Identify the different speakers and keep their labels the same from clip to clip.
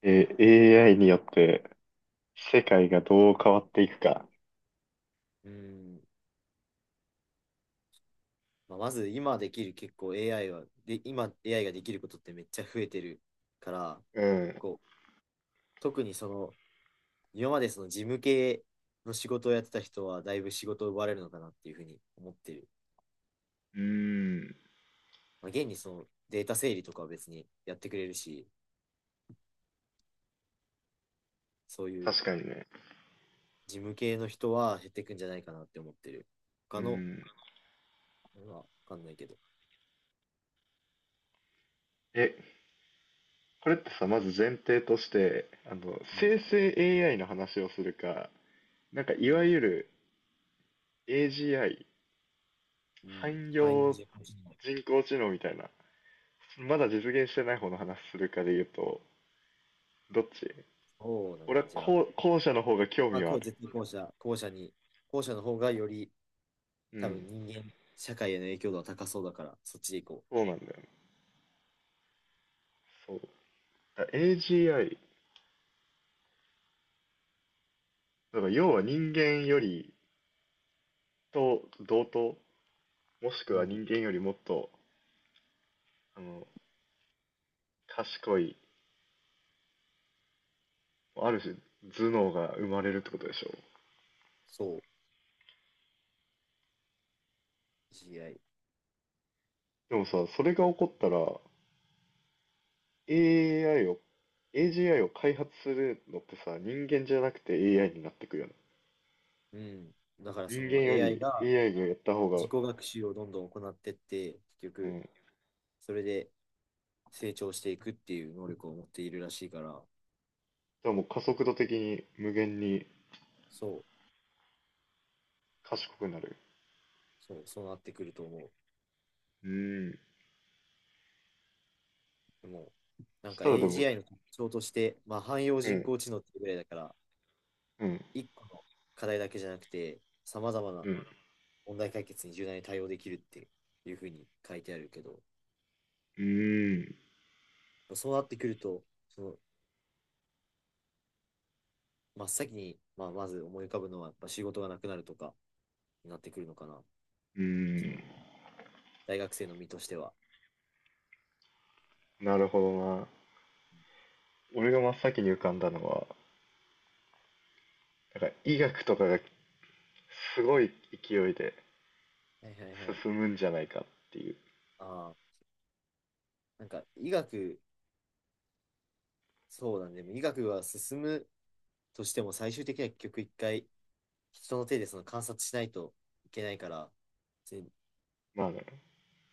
Speaker 1: AI によって世界がどう変わっていくか。
Speaker 2: うん。まあ、まず今できる結構 AI は、で、今 AI ができることってめっちゃ増えてるから、
Speaker 1: うん。
Speaker 2: こう、特にその、今までその事務系の仕事をやってた人はだいぶ仕事を奪われるのかなっていうふうに思ってる。
Speaker 1: うーん。
Speaker 2: まあ、現にそのデータ整理とかは別にやってくれるし、そういう
Speaker 1: 確かにね。
Speaker 2: 事務系の人は減ってくんじゃないかなって思ってる。
Speaker 1: う
Speaker 2: 他の、
Speaker 1: ん。
Speaker 2: まあわかんないけど。
Speaker 1: え、これってさ、まず前提として、
Speaker 2: うん、
Speaker 1: 生成 AI の話をするか、なんか
Speaker 2: う
Speaker 1: いわ
Speaker 2: ん、
Speaker 1: ゆる AGI、
Speaker 2: うん。
Speaker 1: 汎
Speaker 2: 範囲
Speaker 1: 用
Speaker 2: 事項者。
Speaker 1: 人工知能みたいな、まだ実現してない方の話するかで言うと、どっち
Speaker 2: そうだ
Speaker 1: 俺
Speaker 2: ね。
Speaker 1: は
Speaker 2: じゃあ、
Speaker 1: 後者の方が興
Speaker 2: ま
Speaker 1: 味
Speaker 2: あ、
Speaker 1: は
Speaker 2: こ
Speaker 1: あ
Speaker 2: う、
Speaker 1: る。
Speaker 2: 絶対後者、後者に、後者の方がより、
Speaker 1: う
Speaker 2: 多分
Speaker 1: ん。
Speaker 2: 人間、社会への影響度は高そうだから、そっちで行こ
Speaker 1: そうなんだよね。そう。AGI、だから要は人間よりと同等もし
Speaker 2: う。
Speaker 1: く
Speaker 2: う
Speaker 1: は
Speaker 2: ん、
Speaker 1: 人間よりもっとあの賢いある種頭脳が生まれるってことでしょ。
Speaker 2: そう、AI。
Speaker 1: でもさ、それが起こったら AI を AGI を開発するのってさ、人間じゃなくて AI になってくよね。
Speaker 2: うん。だからそ
Speaker 1: 人間
Speaker 2: の
Speaker 1: よ
Speaker 2: AI
Speaker 1: り
Speaker 2: が
Speaker 1: AI がやった方
Speaker 2: 自
Speaker 1: が、
Speaker 2: 己学習をどんどん行ってって、結
Speaker 1: うん
Speaker 2: 局、
Speaker 1: だか
Speaker 2: それで成長していくっていう能力を持っているらしいから、
Speaker 1: らもう加速度的に無限に
Speaker 2: そう、
Speaker 1: 賢くなる。
Speaker 2: そうなってくると思う。
Speaker 1: うーん。
Speaker 2: でも、な
Speaker 1: そ
Speaker 2: ん
Speaker 1: し
Speaker 2: か
Speaker 1: たらでも
Speaker 2: AGI の特徴として、まあ、汎用
Speaker 1: う
Speaker 2: 人
Speaker 1: ん。
Speaker 2: 工知能っていうぐらいだから、
Speaker 1: うん。
Speaker 2: 一個の課題だけじゃなくて、さまざまな
Speaker 1: うん。
Speaker 2: 問題解決に柔軟に対応できるっていうふうに書いてあるけど、
Speaker 1: うーん。
Speaker 2: そうなってくると、その真っ先に、まあ、まず思い浮かぶのは、やっぱ仕事がなくなるとかになってくるのかな。
Speaker 1: う
Speaker 2: その
Speaker 1: ー
Speaker 2: 大学生の身としては。
Speaker 1: ん。なるほどな。俺が真っ先に浮かんだのは、なんか医学とかがすごい勢いで
Speaker 2: はいはいはい。
Speaker 1: 進むんじゃないかっていう。
Speaker 2: ああ、なんか医学、そうなんで、でも医学は進むとしても、最終的には結局一回、人の手でその観察しないといけないから、で
Speaker 1: まあね。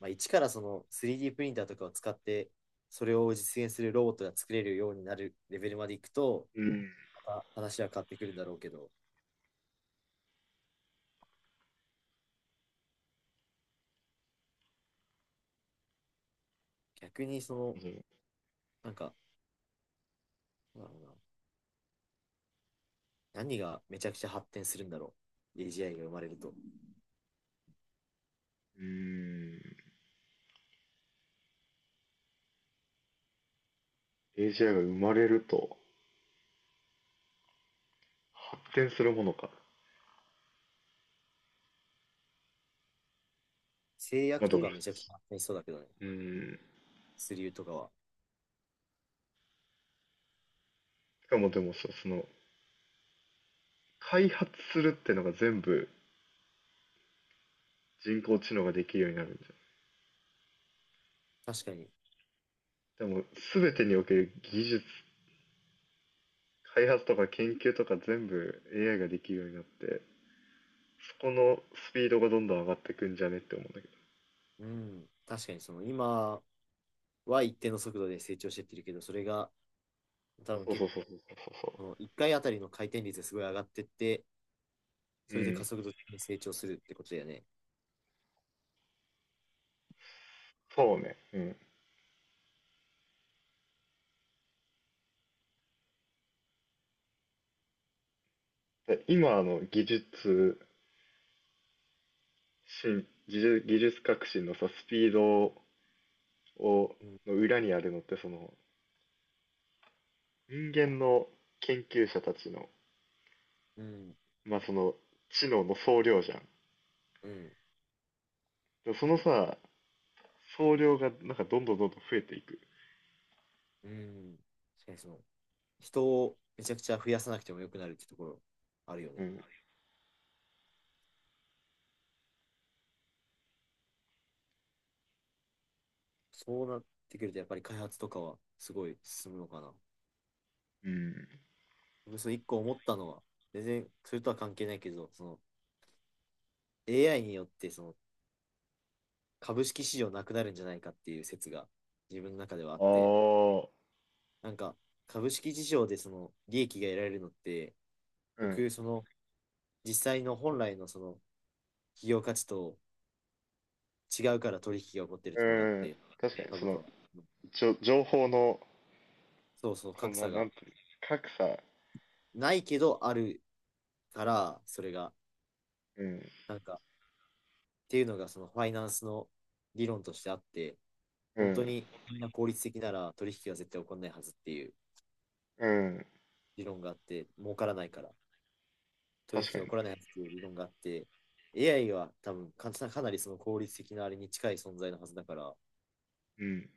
Speaker 2: まあ、一からその 3D プリンターとかを使って、それを実現するロボットが作れるようになるレベルまでいくと、
Speaker 1: うん。
Speaker 2: また話は変わってくるんだろうけど、逆にその、
Speaker 1: う
Speaker 2: なんか、なんだろうな。何がめちゃくちゃ発展するんだろう。AGI が生まれると。
Speaker 1: ーん。AGI が生まれると発展するものか。
Speaker 2: 制
Speaker 1: まあ
Speaker 2: 約
Speaker 1: で
Speaker 2: と
Speaker 1: も、
Speaker 2: かめちゃくちゃ発展しそうだけどね。
Speaker 1: うん。
Speaker 2: スリューとかは。
Speaker 1: しかもでも、開発するってのが全部人工知能ができるようになるんじ
Speaker 2: 確かに。
Speaker 1: ゃん。でも、全てにおける技術、開発とか研究とか全部 AI ができるようになって、そこのスピードがどんどん上がってくんじゃねって思うんだけど。
Speaker 2: うん。確かにその今は一定の速度で成長してってるけど、それが多分
Speaker 1: そう
Speaker 2: 結
Speaker 1: そうそうそうそうそ
Speaker 2: 構、1回あたりの回転率がすごい上がってって、
Speaker 1: う。う
Speaker 2: それで加
Speaker 1: ん。
Speaker 2: 速度的に成長するってことだよね。
Speaker 1: そうね。うん。で今の技術進、技術、技術革新のさ、スピードを、
Speaker 2: うん。
Speaker 1: の裏にあるのって、その、人間の研究者たちの、
Speaker 2: うん。
Speaker 1: まあその、知能の総量じゃん。
Speaker 2: うん。
Speaker 1: で、そのさ、総量がなんかどんどんどんどん増えていく。
Speaker 2: うん。確かにその、人をめちゃくちゃ増やさなくてもよくなるってところあるよ
Speaker 1: う
Speaker 2: ね。
Speaker 1: ん。
Speaker 2: そうなってくると、やっぱり開発とかはすごい進むのかな。
Speaker 1: うん。
Speaker 2: 僕その一個思ったのは、全然それとは関係ないけど、その AI によってその株式市場なくなるんじゃないかっていう説が自分の中ではあっ
Speaker 1: あ
Speaker 2: て、
Speaker 1: あ。
Speaker 2: なんか株式市場でその利益が得られるのって、
Speaker 1: う
Speaker 2: 結
Speaker 1: ん。
Speaker 2: 局その実際の本来のその企業価値と違うから取引が起こってるっ
Speaker 1: う
Speaker 2: ていうのがあっ
Speaker 1: ん。
Speaker 2: て、
Speaker 1: 確かに、そ
Speaker 2: 株価
Speaker 1: の、
Speaker 2: は。
Speaker 1: 情報の、
Speaker 2: そうそう、
Speaker 1: こん
Speaker 2: 格
Speaker 1: な、
Speaker 2: 差
Speaker 1: なん
Speaker 2: が
Speaker 1: ていうの、格差。
Speaker 2: ないけどあるから、それが、
Speaker 1: うん。
Speaker 2: なんか、っていうのがそのファイナンスの理論としてあって、
Speaker 1: う
Speaker 2: 本当
Speaker 1: ん。
Speaker 2: にみんな効率的なら取引は絶対起こらないはずっていう
Speaker 1: うん。
Speaker 2: 理論があって、儲からないから取引
Speaker 1: 確か
Speaker 2: が
Speaker 1: に
Speaker 2: 起
Speaker 1: ね。
Speaker 2: こらないはずっていう理論があって、AI は多分かなりその効率的なあれに近い存在のはずだから、
Speaker 1: うん。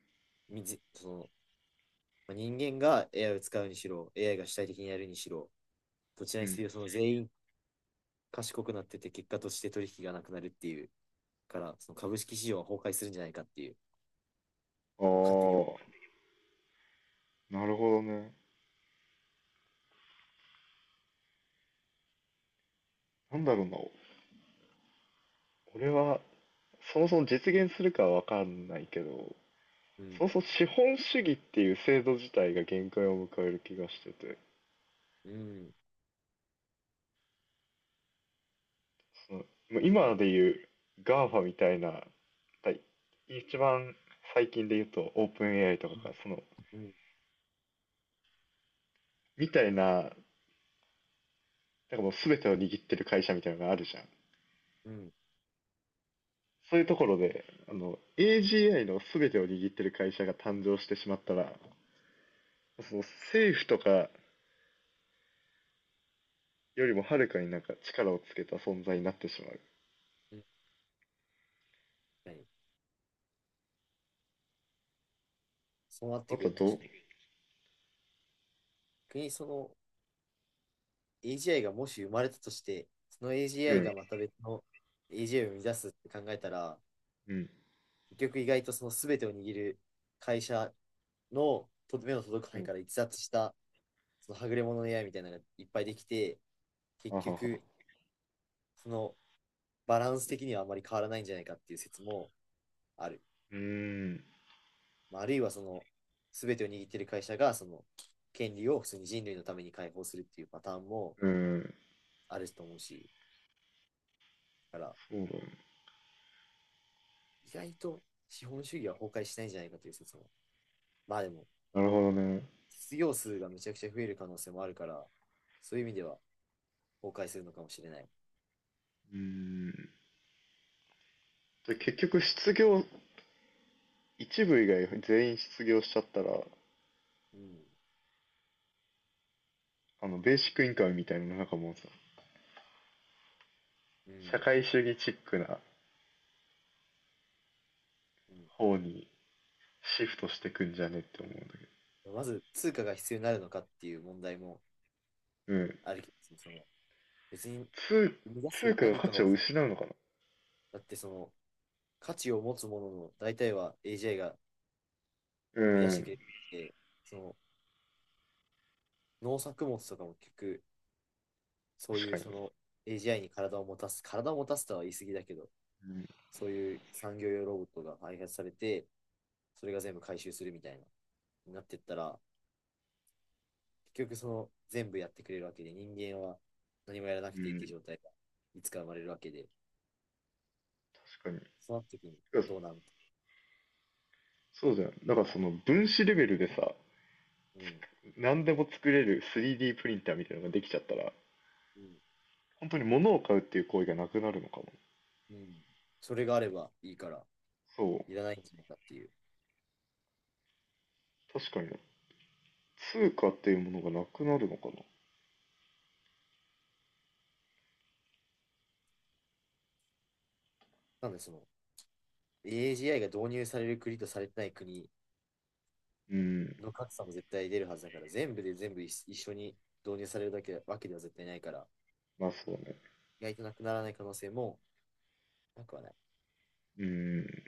Speaker 2: みずそのまあ、人間が AI を使うにしろ、AI が主体的にやるにしろ、どち
Speaker 1: う
Speaker 2: らにせ
Speaker 1: ん。
Speaker 2: よその全員賢くなってて結果として取引がなくなるっていうから、その株式市場は崩壊するんじゃないかっていう
Speaker 1: あ
Speaker 2: のを勝手に。
Speaker 1: あ。なるほどね。なんだろうな。俺は、そもそも実現するかはわかんないけど、
Speaker 2: うん、
Speaker 1: そもそも資本主義っていう制度自体が限界を迎える気がしてて、
Speaker 2: うん、
Speaker 1: その、まあ今で
Speaker 2: ね。
Speaker 1: いう GAFA みたいな、はい、一番最近で言うとOpenAI とか
Speaker 2: う
Speaker 1: が、そ
Speaker 2: ん、
Speaker 1: の、
Speaker 2: うん、
Speaker 1: みたいな、なんかもう全てを握ってる会社みたいなのがあるじゃん。
Speaker 2: うん。
Speaker 1: そういうところで、AGI の全てを握ってる会社が誕生してしまったら、その政府とかよりもはるかになんか力をつけた存在になってしまう。
Speaker 2: 確かに。そうなって
Speaker 1: あ
Speaker 2: く
Speaker 1: と
Speaker 2: る、
Speaker 1: はど
Speaker 2: 確
Speaker 1: う
Speaker 2: かに。逆にその AGI がもし生まれたとして、その
Speaker 1: う
Speaker 2: AGI
Speaker 1: ん。
Speaker 2: がまた別の AGI を生み出すって考えたら、
Speaker 1: うん。
Speaker 2: 結局意外とその全てを握る会社の目の届く
Speaker 1: う
Speaker 2: 範囲
Speaker 1: ん。
Speaker 2: から逸脱したそのはぐれ者の AI みたいなのがいっぱいできて、
Speaker 1: あ
Speaker 2: 結
Speaker 1: はは。
Speaker 2: 局そのバランス的にはあまり変わらないんじゃないかっていう説もある。
Speaker 1: うーん。
Speaker 2: まあ、あるいはその全てを握っている会社がその権利を普通に人類のために解放するっていうパターンも
Speaker 1: うーん。
Speaker 2: あると思うし、だから
Speaker 1: そうだね。
Speaker 2: 意外と資本主義は崩壊しないんじゃないかという説も。まあでも、
Speaker 1: なるほどね。
Speaker 2: 失業数がめちゃくちゃ増える可能性もあるから、そういう意味では崩壊するのかもしれない。
Speaker 1: うーん。で結局一部以外全員失業しちゃったら、
Speaker 2: うん。
Speaker 1: ベーシックインカムみたいなのなんかもうさ、
Speaker 2: う
Speaker 1: 社
Speaker 2: ん。
Speaker 1: 会主義チックな方にシフトしてくんじゃねって思うんだけど。
Speaker 2: うん、まず、通貨が必要になるのかっていう問題も
Speaker 1: うん。
Speaker 2: あるけど、その別に
Speaker 1: 通、
Speaker 2: 生み出
Speaker 1: 通
Speaker 2: す
Speaker 1: 貨の
Speaker 2: 何
Speaker 1: 価
Speaker 2: か
Speaker 1: 値
Speaker 2: を
Speaker 1: を
Speaker 2: さ、
Speaker 1: 失うのかな。
Speaker 2: だってその価値を持つものの大体は AGI が
Speaker 1: う
Speaker 2: 生み出して
Speaker 1: ん。
Speaker 2: くれて、その農作物とかも結局、そう
Speaker 1: 確
Speaker 2: い
Speaker 1: か
Speaker 2: う
Speaker 1: に
Speaker 2: その
Speaker 1: ね。
Speaker 2: AGI に体を持たす、体を持たすとは言い過ぎだけど、
Speaker 1: うん。
Speaker 2: そういう産業用ロボットが開発されて、それが全部回収するみたいな、になってったら、結局その全部やってくれるわけで、人間は何もやらな
Speaker 1: う
Speaker 2: くていいって
Speaker 1: ん、
Speaker 2: 状態がいつか生まれるわけで、
Speaker 1: 確かに。
Speaker 2: そうなった時にどうなんて。
Speaker 1: そうじゃん、だからその分子レベルでさ、
Speaker 2: うん。
Speaker 1: 何でも作れる 3D プリンターみたいなのができちゃったら、
Speaker 2: うん。
Speaker 1: 本当に物を買うっていう行為がなくなるのかも。
Speaker 2: うん。それがあればいいから、
Speaker 1: そう。
Speaker 2: いらないんじゃないかっていう。
Speaker 1: 確かに通貨っていうものがなくなるのかな。
Speaker 2: なんでその、AGI が導入される国とされてない国
Speaker 1: うん。
Speaker 2: の格差も絶対出るはずだから、全部で全部一一緒に導入されるだけわけでは絶対ないから、
Speaker 1: まあそうね。
Speaker 2: 意外となくならない可能性もなくはない。
Speaker 1: うん。